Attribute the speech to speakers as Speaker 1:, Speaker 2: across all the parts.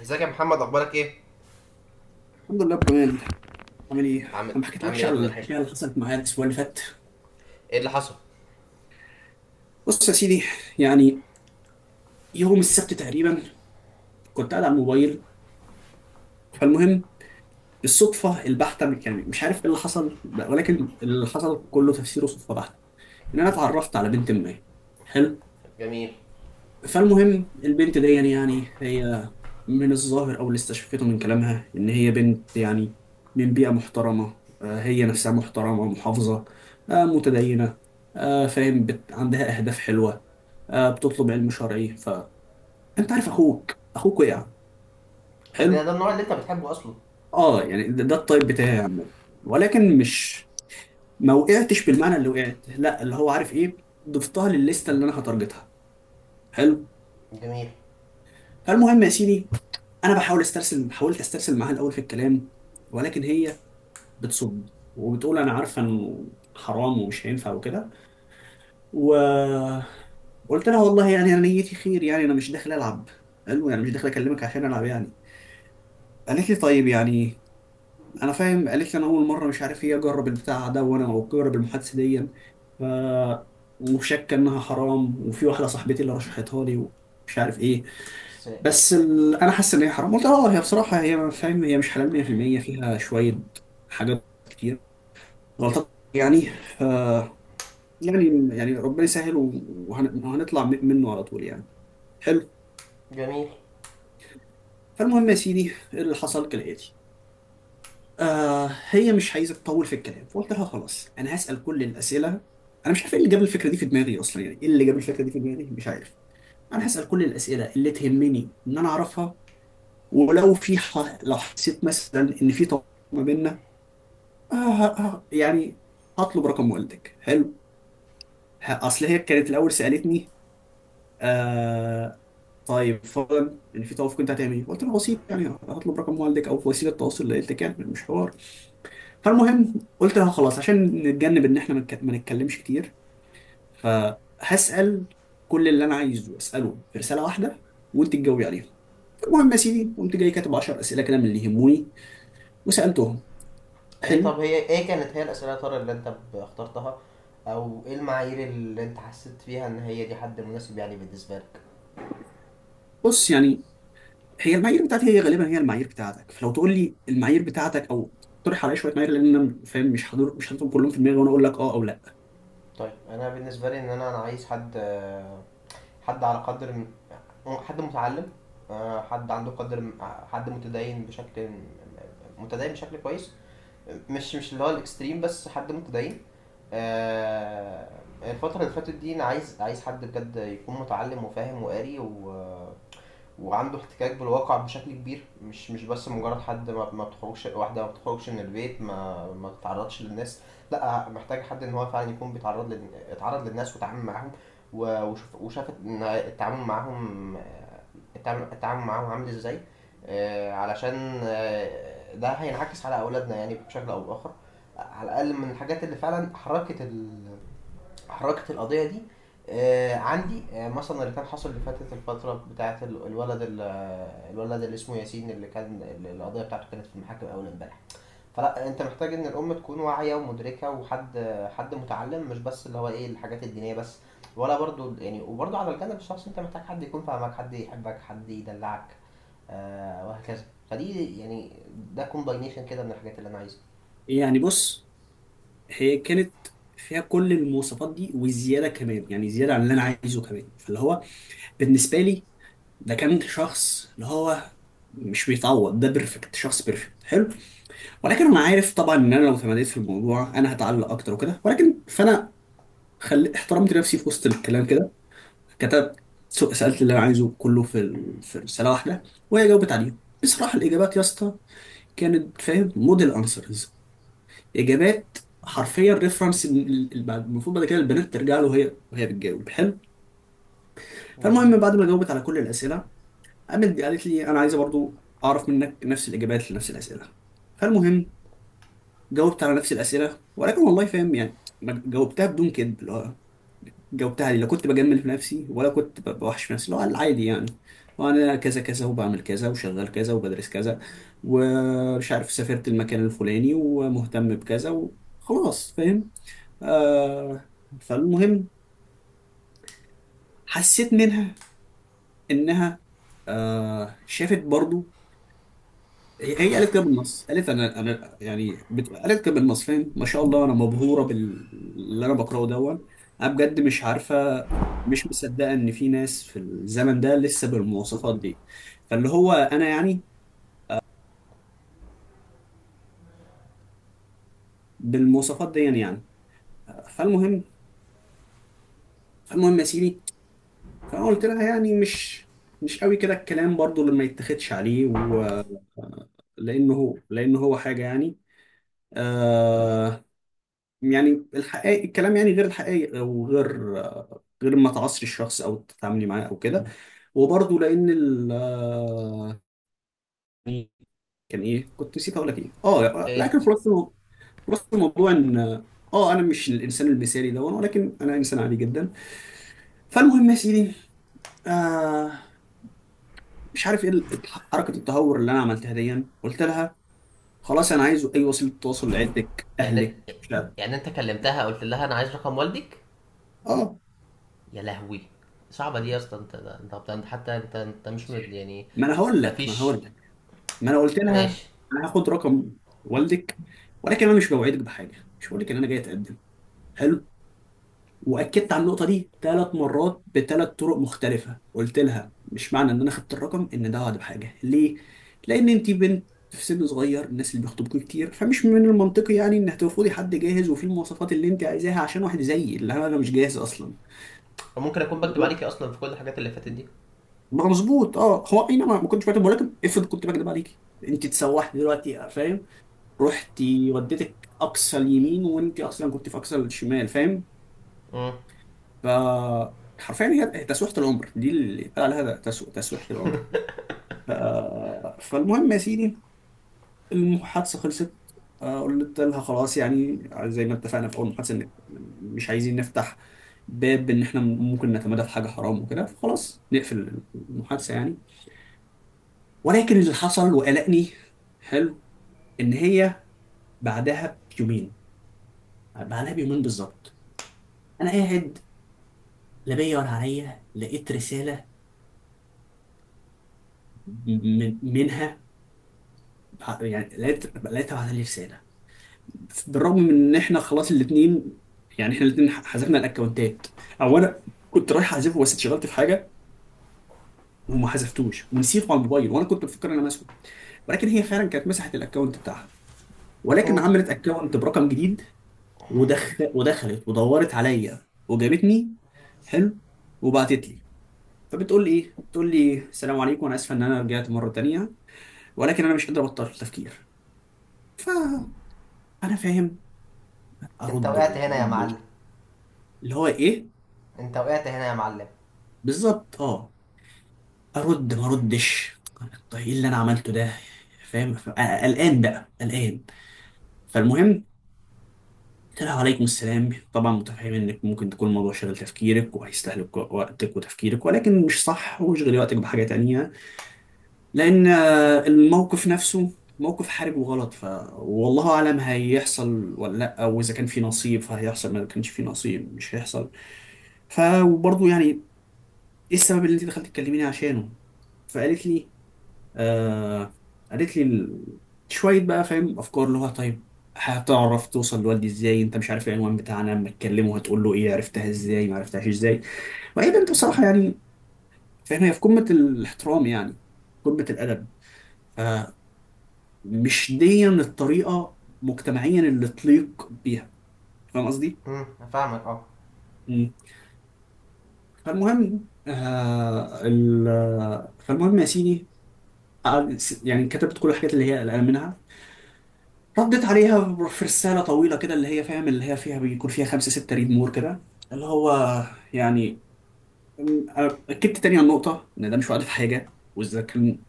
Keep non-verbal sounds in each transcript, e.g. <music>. Speaker 1: ازيك يا محمد، اخبارك ايه؟
Speaker 2: الحمد لله ابو جمال، عامل ايه؟ انا
Speaker 1: عامل
Speaker 2: ما
Speaker 1: عامل
Speaker 2: حكيتلكش
Speaker 1: ايه يا
Speaker 2: على
Speaker 1: ابني، وحشني؟
Speaker 2: الحكايه اللي حصلت معايا الاسبوع اللي فات.
Speaker 1: ايه اللي حصل؟
Speaker 2: بص يا سيدي، يعني يوم السبت تقريبا كنت قاعد على الموبايل. فالمهم الصدفه البحته، يعني مش عارف ايه اللي حصل، ولكن اللي حصل كله تفسيره صدفه بحته، ان انا اتعرفت على بنت ما. حلو.
Speaker 1: جميل.
Speaker 2: فالمهم البنت دي يعني هي، من الظاهر أو اللي استشفيته من كلامها إن هي بنت يعني من بيئة محترمة، هي نفسها محترمة محافظة، متدينة، فاهم عندها أهداف حلوة، بتطلب علم شرعي. فأنت عارف، أخوك وقع.
Speaker 1: طب ده
Speaker 2: حلو.
Speaker 1: ده النوع اللي انت بتحبه اصلا.
Speaker 2: يعني ده الطيب بتاعي يا عم، ولكن مش، ما وقعتش بالمعنى اللي وقعت، لا، اللي هو عارف إيه، ضفتها للليستة اللي أنا هتارجتها. حلو.
Speaker 1: جميل.
Speaker 2: فالمهم يا سيدي، أنا بحاول أسترسل، حاولت أسترسل معاها الأول في الكلام، ولكن هي بتصد وبتقول انا عارفه انه حرام ومش هينفع وكده. وقلت لها والله يعني انا نيتي خير، يعني انا مش داخل العب، حلو، يعني مش داخل اكلمك عشان العب يعني. قالت لي طيب، يعني انا فاهم. قالت لي انا اول مره مش عارف ايه، اجرب البتاع ده وانا اجرب المحادثه دي. ف وشاكه انها حرام، وفي واحده صاحبتي اللي رشحتها لي ومش عارف ايه.
Speaker 1: بس
Speaker 2: انا حاسس ان هي حرام. قلت لها اه هي بصراحه، هي فاهم، هي مش حلال 100%، فيها شويه حاجات كتير، غلطات يعني. ف يعني يعني ربنا يسهل وهنطلع منه على طول يعني. حلو.
Speaker 1: جميل.
Speaker 2: فالمهم يا سيدي، اللي حصل كالآتي. هي مش عايزة تطول في الكلام، فقلت لها خلاص أنا هسأل كل الأسئلة. أنا مش عارف إيه اللي جاب الفكرة دي في دماغي أصلا، يعني إيه اللي جاب الفكرة دي في دماغي مش عارف. أنا هسأل كل الأسئلة اللي تهمني إن أنا أعرفها، ولو في ح... لو حسيت مثلا إن في طلاق ما بيننا، يعني هطلب رقم والدك. حلو. أصل هي كانت الأول سألتني، آه طيب فورا يعني في توافق انت هتعمل ايه؟ قلت له بسيط، يعني هطلب رقم والدك او وسيله تواصل، اللي قلت لك يعني مش حوار. فالمهم قلت له خلاص عشان نتجنب ان احنا ما نتكلمش كتير، فهسال كل اللي انا عايزه اساله في رساله واحده، وانت تجاوبي عليها. المهم يا سيدي، قمت جاي كاتب 10 اسئله كده من اللي يهموني، وسالتهم.
Speaker 1: ايه،
Speaker 2: حلو.
Speaker 1: طب هي ايه كانت هي الاسئله يا ترى اللي انت اخترتها؟ او ايه المعايير اللي انت حسيت فيها ان هي دي حد مناسب يعني بالنسبه لك؟
Speaker 2: بص، يعني هي المعايير بتاعتي هي غالبا هي المعايير بتاعتك، فلو تقول لي المعايير بتاعتك او تقترح عليا شويه معايير، لان انا فاهم مش حاضر، مش حاططهم كلهم في دماغي وانا اقول لك اه او لا.
Speaker 1: طيب انا بالنسبه لي، ان انا عايز حد، حد على قدر من- حد متعلم، حد عنده قدر من- حد متدين بشكل كويس، مش اللي هو الاكستريم، بس حد متدين، آه، الفترة اللي فاتت دي أنا عايز حد بجد يكون متعلم وفاهم وقاري وعنده احتكاك بالواقع بشكل كبير، مش بس مجرد حد ما بتخرجش، واحده ما بتخرجش من البيت، ما بتتعرضش للناس. لا، محتاج حد ان هو فعلا يكون بيتعرض اتعرض للناس وتعامل معاهم، وشوف وشاف إن التعامل معاهم، التعامل معاهم عامل ازاي، علشان ده هينعكس على اولادنا يعني بشكل او باخر. على الاقل من الحاجات اللي فعلا حركت القضيه دي. عندي مثلا اللي كان حصل اللي فاتت الفترة بتاعة ال- الولد ال- آه، الولد اللي اسمه ياسين، اللي كان اللي القضية بتاعته كانت في المحاكم أول امبارح. فلا، أنت محتاج إن الأم تكون واعية ومدركة، وحد، حد متعلم، مش بس اللي هو إيه الحاجات الدينية بس، ولا برضو يعني. وبرضو على الجانب الشخصي أنت محتاج حد يكون فاهمك، حد يحبك، حد يدلعك، وهكذا. فدي يعني ده كومباينيشن كده من الحاجات اللي أنا عايزها.
Speaker 2: يعني بص، هي كانت فيها كل المواصفات دي وزياده كمان، يعني زياده عن اللي انا عايزه كمان، فاللي هو بالنسبه لي، ده كان شخص اللي هو مش بيتعوض، ده بيرفكت، شخص بيرفكت. حلو. ولكن انا عارف طبعا ان انا لو تمديت في الموضوع انا هتعلق اكتر وكده، ولكن فانا خلي احترمت نفسي في وسط الكلام كده، كتبت، سالت اللي انا عايزه كله في رساله واحده، وهي جاوبت عليه. بصراحه الاجابات يا اسطى كانت فاهم موديل انسرز، اجابات حرفيا ريفرنس المفروض بعد كده البنات ترجع له وهي بتجاوب. حلو. فالمهم
Speaker 1: جميل.
Speaker 2: بعد ما جاوبت على كل الاسئله، قامت قالت لي انا عايزه برضو اعرف منك نفس الاجابات لنفس الاسئله. فالمهم جاوبت على نفس الاسئله، ولكن والله فاهم يعني ما جاوبتها بدون كذب، اللي هو جاوبتها لي، لا كنت بجمل في نفسي، ولا كنت بوحش في نفسي، اللي هو العادي يعني. وانا كذا كذا، وبعمل كذا، وشغال كذا، وبدرس كذا، ومش عارف سافرت المكان الفلاني، ومهتم بكذا، وخلاص فاهم. آه فالمهم حسيت منها انها، شافت برضو، هي قالت كده بالنص، قالت انا يعني قالت كده بالنص، فاهم ما شاء الله انا مبهوره باللي انا بقراه، دون، انا بجد مش عارفه، مش مصدقه ان في ناس في الزمن ده لسه بالمواصفات دي، فاللي هو انا يعني بالمواصفات دي يعني. فالمهم فالمهم يا سيدي، فانا قلت لها يعني مش قوي كده الكلام برضو، اللي ما يتاخدش عليه، لانه هو حاجه يعني، آه يعني الحقيقة الكلام، يعني غير الحقيقي، وغير غير ما تعصري الشخص او تتعاملي معاه او كده. وبرضه لان ال آه، كان ايه كنت نسيت اقول لك ايه،
Speaker 1: ايه
Speaker 2: لكن خلاصه الموضوع ان، اه انا مش الانسان المثالي ده، ولكن انا انسان عادي جدا. فالمهم يا سيدي، آه مش عارف ايه حركه التهور اللي انا عملتها دي، قلت لها خلاص انا عايز اي وسيله تواصل لعيلتك،
Speaker 1: يعني انت
Speaker 2: اهلك، مش عارف.
Speaker 1: يعني انت كلمتها، قلت لها انا عايز رقم والدك؟
Speaker 2: اه
Speaker 1: يا لهوي، صعبة دي يا اسطى. انت انت، طب انت، حتى انت مش مد يعني.
Speaker 2: ما انا
Speaker 1: مفيش.
Speaker 2: هقول لك، ما انا قلت
Speaker 1: ماشي.
Speaker 2: لها انا هاخد رقم والدك، ولكن انا مش بوعدك بحاجه، مش بقول لك ان انا جاي اتقدم. حلو. واكدت على النقطه دي ثلاث مرات بثلاث طرق مختلفه، قلت لها مش معنى ان انا خدت الرقم ان ده وعد بحاجه، ليه؟ لان انت بنت في سن صغير، الناس اللي بيخطبوك كتير، فمش من المنطقي يعني ان هترفضي حد جاهز وفيه المواصفات اللي انت عايزاها عشان واحد زيي اللي انا مش جاهز اصلا.
Speaker 1: ممكن اكون بكتب عليكي اصلا في كل الحاجات اللي فاتت دي.
Speaker 2: ما مظبوط، اه هو اي نعم، ما كنتش بكذب، ولكن افرض كنت بكذب عليكي، انت تسوحني دلوقتي فاهم، رحتي وديتك اقصى اليمين وانت اصلا كنت في اقصى الشمال فاهم.
Speaker 1: امم.
Speaker 2: ف حرفيا هي تسويحة العمر دي اللي اتقال عليها ده، تسويحة العمر. ف... فالمهم يا سيدي، المحادثة خلصت. قلت لها خلاص يعني زي ما اتفقنا في اول محادثة ان مش عايزين نفتح باب ان احنا ممكن نتمادى في حاجة حرام وكده، فخلاص نقفل المحادثة يعني. ولكن اللي حصل وقلقني، حلو، ان هي بعدها بيومين، بعدها بيومين بالظبط، انا قاعد، لا بيدور عليا، لقيت رسالة منها. يعني لقيتها بعت لي رسالة، بالرغم من ان احنا خلاص الاتنين، يعني احنا الاتنين حذفنا الاكونتات، او انا كنت رايح احذفه بس اتشغلت في حاجة وما حذفتوش ونسيته على الموبايل، وانا كنت بفكر ان انا ماسحه، ولكن هي فعلا كانت مسحت الاكونت بتاعها، ولكن
Speaker 1: امم.
Speaker 2: عملت اكونت برقم جديد. ودخلت ودورت عليا وجابتني. حلو. وبعتت لي، فبتقول لي ايه؟ بتقول لي السلام عليكم، انا اسفه ان انا رجعت مره تانيه، ولكن انا مش قادر ابطل التفكير. فانا فاهم،
Speaker 1: انت
Speaker 2: ارد
Speaker 1: وقعت
Speaker 2: ولا ما
Speaker 1: هنا يا
Speaker 2: اردش،
Speaker 1: معلم.
Speaker 2: اللي هو ايه
Speaker 1: انت وقعت هنا يا معلم.
Speaker 2: بالظبط، ارد ما اردش، طيب ايه اللي انا عملته ده، فاهم. قلقان بقى، قلقان. فالمهم قلت لها عليكم السلام، طبعا متفهم انك ممكن تكون الموضوع شغل تفكيرك وهيستهلك وقتك وتفكيرك، ولكن مش صح، واشغلي وقتك بحاجه تانية، لان الموقف نفسه موقف حرج وغلط. والله اعلم هيحصل ولا لا، او اذا كان في نصيب فهيحصل، ما كانش في نصيب مش هيحصل. ف وبرضه يعني ايه السبب اللي انت دخلت تكلميني عشانه. فقالت لي، آه قالت لي شويه بقى فاهم افكار، اللي هو طيب هتعرف توصل لوالدي ازاي، انت مش عارف العنوان بتاعنا، اما تكلمه هتقول له ايه؟ عرفتها ازاي ما عرفتهاش ازاي. وهي بنت بصراحه يعني، فاهم هي في قمه الاحترام يعني، قمه الادب، فمش دي الطريقه مجتمعيا اللي تليق بيها، فاهم قصدي؟
Speaker 1: امم. فاهمك، اه.
Speaker 2: مم. فالمهم فالمهم يا سيدي، يعني كتبت كل الحاجات اللي هي قلقان منها، رديت عليها في رسالة طويلة كده، اللي هي فاهم، اللي هي فيها، بيكون فيها خمسة ستة ريد مور كده، اللي هو يعني، أم- أكدت تاني على النقطة إن ده مش وعد في حاجة، وإذا كان،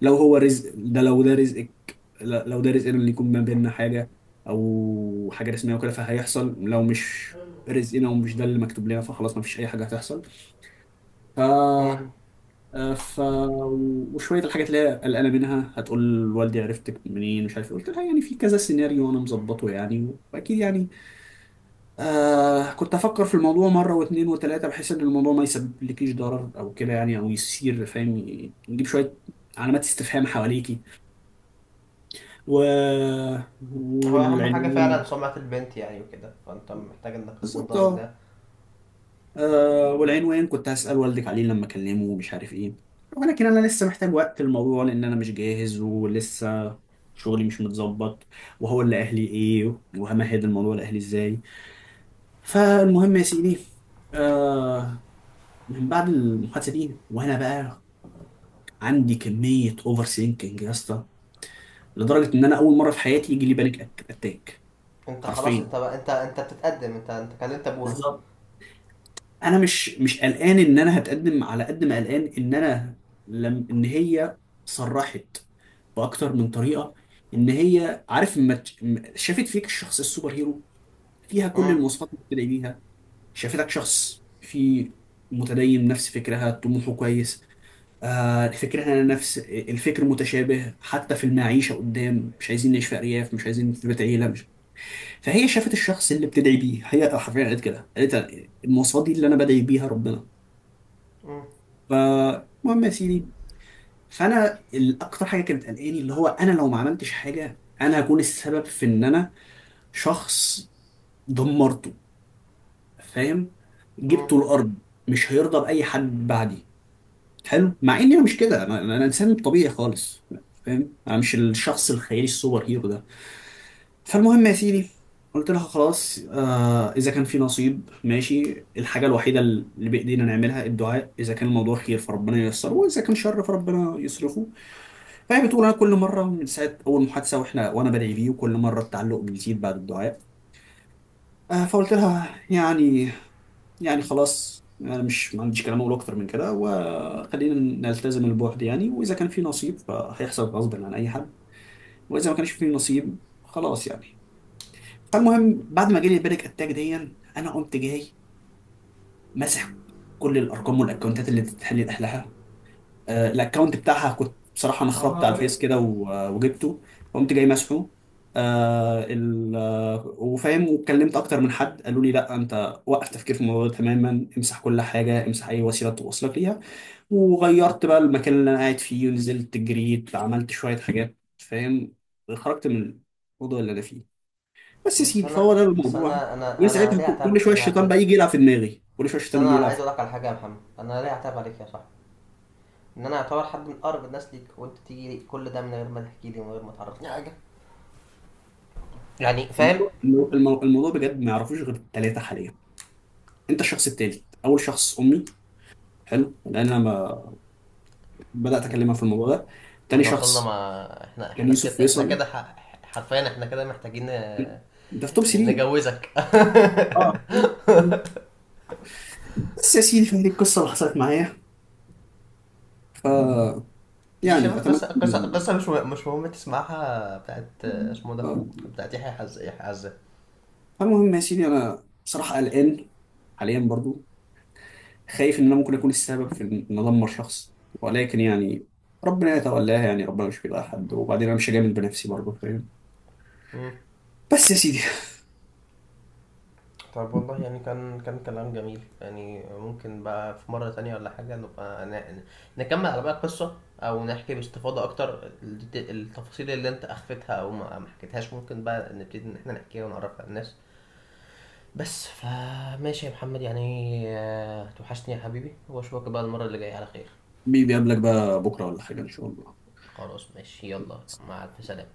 Speaker 2: لو هو رزق ده، لو ده رزقنا اللي يكون ما بيننا حاجة أو حاجة رسمية وكده، فهيحصل، لو مش رزقنا ومش ده اللي مكتوب لنا فخلاص ما فيش أي حاجة هتحصل.
Speaker 1: امم.
Speaker 2: ف آه، ف وشويه الحاجات اللي هي قلقانه منها، هتقول والدي عرفتك منين، مش عارف إيه. قلت لها يعني في كذا سيناريو انا مظبطه يعني، واكيد يعني، كنت افكر في الموضوع مره واثنين وثلاثه، بحيث ان الموضوع ما يسببلكيش ضرر او كده يعني، او يصير فاهم يجيب شويه علامات استفهام حواليكي، و...
Speaker 1: هو اهم حاجة فعلا
Speaker 2: والعلمين
Speaker 1: سمعة البنت يعني وكده، فانت محتاج انك تكون
Speaker 2: بالظبط.
Speaker 1: ضامن
Speaker 2: آه.
Speaker 1: ده.
Speaker 2: والعنوان كنت هسأل والدك عليه لما أكلمه ومش عارف إيه، ولكن أنا لسه محتاج وقت الموضوع، لأن أنا مش جاهز ولسه شغلي مش متظبط، وهو اللي أهلي إيه، وهمهد الموضوع لأهلي إزاي. فالمهم يا سيدي، آه من بعد المحادثة دي وأنا بقى عندي كمية أوفر سينكينج يا اسطى، لدرجة إن أنا أول مرة في حياتي يجي لي بانيك أتاك
Speaker 1: انت خلاص،
Speaker 2: حرفيا
Speaker 1: انت بقى انت بتتقدم، انت كلمت ابوها.
Speaker 2: بالظبط. انا مش قلقان ان انا هتقدم على قد ما قلقان ان انا، لم ان هي صرحت باكتر من طريقه ان هي عارف، ما ت- ما- شافت فيك الشخص السوبر هيرو، فيها كل
Speaker 1: امم.
Speaker 2: المواصفات اللي بتدعي بيها. شافتك شخص في، متدين، نفس فكرها، طموحه كويس، فكرها نفس الفكر متشابه حتى في المعيشه قدام، مش عايزين نعيش في ارياف، مش عايزين في بيت عيله، مش. فهي شافت الشخص اللي بتدعي بيه، هي حرفيا قالت كده، قالت المواصفات دي اللي انا بدعي بيها ربنا.
Speaker 1: امم.
Speaker 2: فالمهم يا سيدي، فانا الاكتر حاجه كانت قلقاني اللي هو، انا لو ما عملتش حاجه انا هكون السبب في ان انا شخص دمرته فاهم،
Speaker 1: امم.
Speaker 2: جبته الارض، مش هيرضى باي حد بعدي. حلو. مع اني انا مش كده، انا انا انسان طبيعي خالص فاهم، انا مش الشخص الخيالي السوبر هيرو ده. فالمهم يا سيدي، قلت لها خلاص اذا كان في نصيب ماشي، الحاجه الوحيده اللي بايدينا نعملها الدعاء، اذا كان الموضوع خير فربنا ييسره، واذا كان شر فربنا يصرفه. فهي بتقول انا كل مره من ساعه اول محادثه واحنا، وانا بدعي بيه، وكل مره التعلق بيزيد بعد الدعاء. فقلت لها يعني خلاص انا مش، ما عنديش كلام اقول اكتر من كده، وخلينا نلتزم البعد يعني، واذا كان في نصيب فهيحصل غصب عن اي حد، واذا ما كانش في نصيب خلاص يعني. فالمهم بعد ما جالي البانيك اتاك دي، انا قمت جاي مسح كل الارقام والاكونتات اللي بتتحلل، الاكونت بتاعها كنت بصراحه انا خربت على الفيس كده وجبته، قمت جاي مسحه. آه ال آه، وفاهم واتكلمت اكتر من حد قالوا لي لا انت وقف تفكير في الموضوع ده تماما، امسح كل حاجه، امسح اي وسيله توصلك ليها، وغيرت بقى المكان اللي انا قاعد فيه ونزلت جريت عملت شويه حاجات فاهم، خرجت من الموضوع اللي انا فيه، بس يا
Speaker 1: بس
Speaker 2: سيدي،
Speaker 1: انا
Speaker 2: فهو ده
Speaker 1: بس
Speaker 2: الموضوع.
Speaker 1: انا
Speaker 2: من
Speaker 1: انا انا
Speaker 2: ساعتها
Speaker 1: ليه اعتب
Speaker 2: كل شويه الشيطان
Speaker 1: انا؟
Speaker 2: بقى يجي يلعب في دماغي، كل شويه
Speaker 1: بس
Speaker 2: الشيطان يجي
Speaker 1: انا
Speaker 2: يلعب
Speaker 1: عايز
Speaker 2: في
Speaker 1: اقول لك على حاجة يا محمد، انا ليه اعتب عليك يا صاحبي؟ ان انا اعتبر حد من اقرب الناس ليك، وانت تيجي لي كل ده من غير ما تحكي لي ومن غير ما تعرفني حاجه، يعني فاهم.
Speaker 2: الموضوع. الموضوع بجد ما يعرفوش غير الثلاثه حاليا، انت الشخص التالت، اول شخص امي، حلو، لان انا ما بدات اكلمها في الموضوع ده، تاني
Speaker 1: احنا وصلنا،
Speaker 2: شخص
Speaker 1: ما احنا
Speaker 2: كان
Speaker 1: احنا
Speaker 2: يوسف
Speaker 1: كده، احنا
Speaker 2: فيصل،
Speaker 1: كده حرفيا احنا كده محتاجين،
Speaker 2: ده في توب 3.
Speaker 1: نجوزك. <laughs>
Speaker 2: اه بس يا سيدي، فهذه القصه اللي حصلت معايا. ف
Speaker 1: <applause> دي شبه
Speaker 2: يعني اتمنى
Speaker 1: قصه
Speaker 2: ان
Speaker 1: مش مش مهم تسمعها، بتاعت اسمه ده،
Speaker 2: آه.
Speaker 1: بتاعت يحيى يحيى عزة.
Speaker 2: فالمهم يا سيدي، انا بصراحه قلقان حاليا برضو، خايف ان انا ممكن اكون السبب في ان ادمر شخص، ولكن يعني ربنا يتولاها، يعني ربنا مش بيضيع حد، وبعدين انا مش هجامل بنفسي برضو فاهم.
Speaker 1: مم.
Speaker 2: بس يا سيدي،
Speaker 1: طب والله، يعني كان كلام جميل يعني. ممكن بقى في مرة تانية ولا حاجة نبقى نكمل على بقى القصة، أو نحكي باستفاضة أكتر التفاصيل اللي أنت أخفتها أو ما حكيتهاش. ممكن بقى نبتدي إن إحنا نحكيها ونعرفها للناس. بس فماشي يا محمد يعني. توحشني يا حبيبي، وأشوفك بقى المرة اللي جاية على خير.
Speaker 2: بيقابلك بقى بكره ولا حاجه ان شاء الله.
Speaker 1: خلاص، ماشي، يلا. مع ألف سلامة.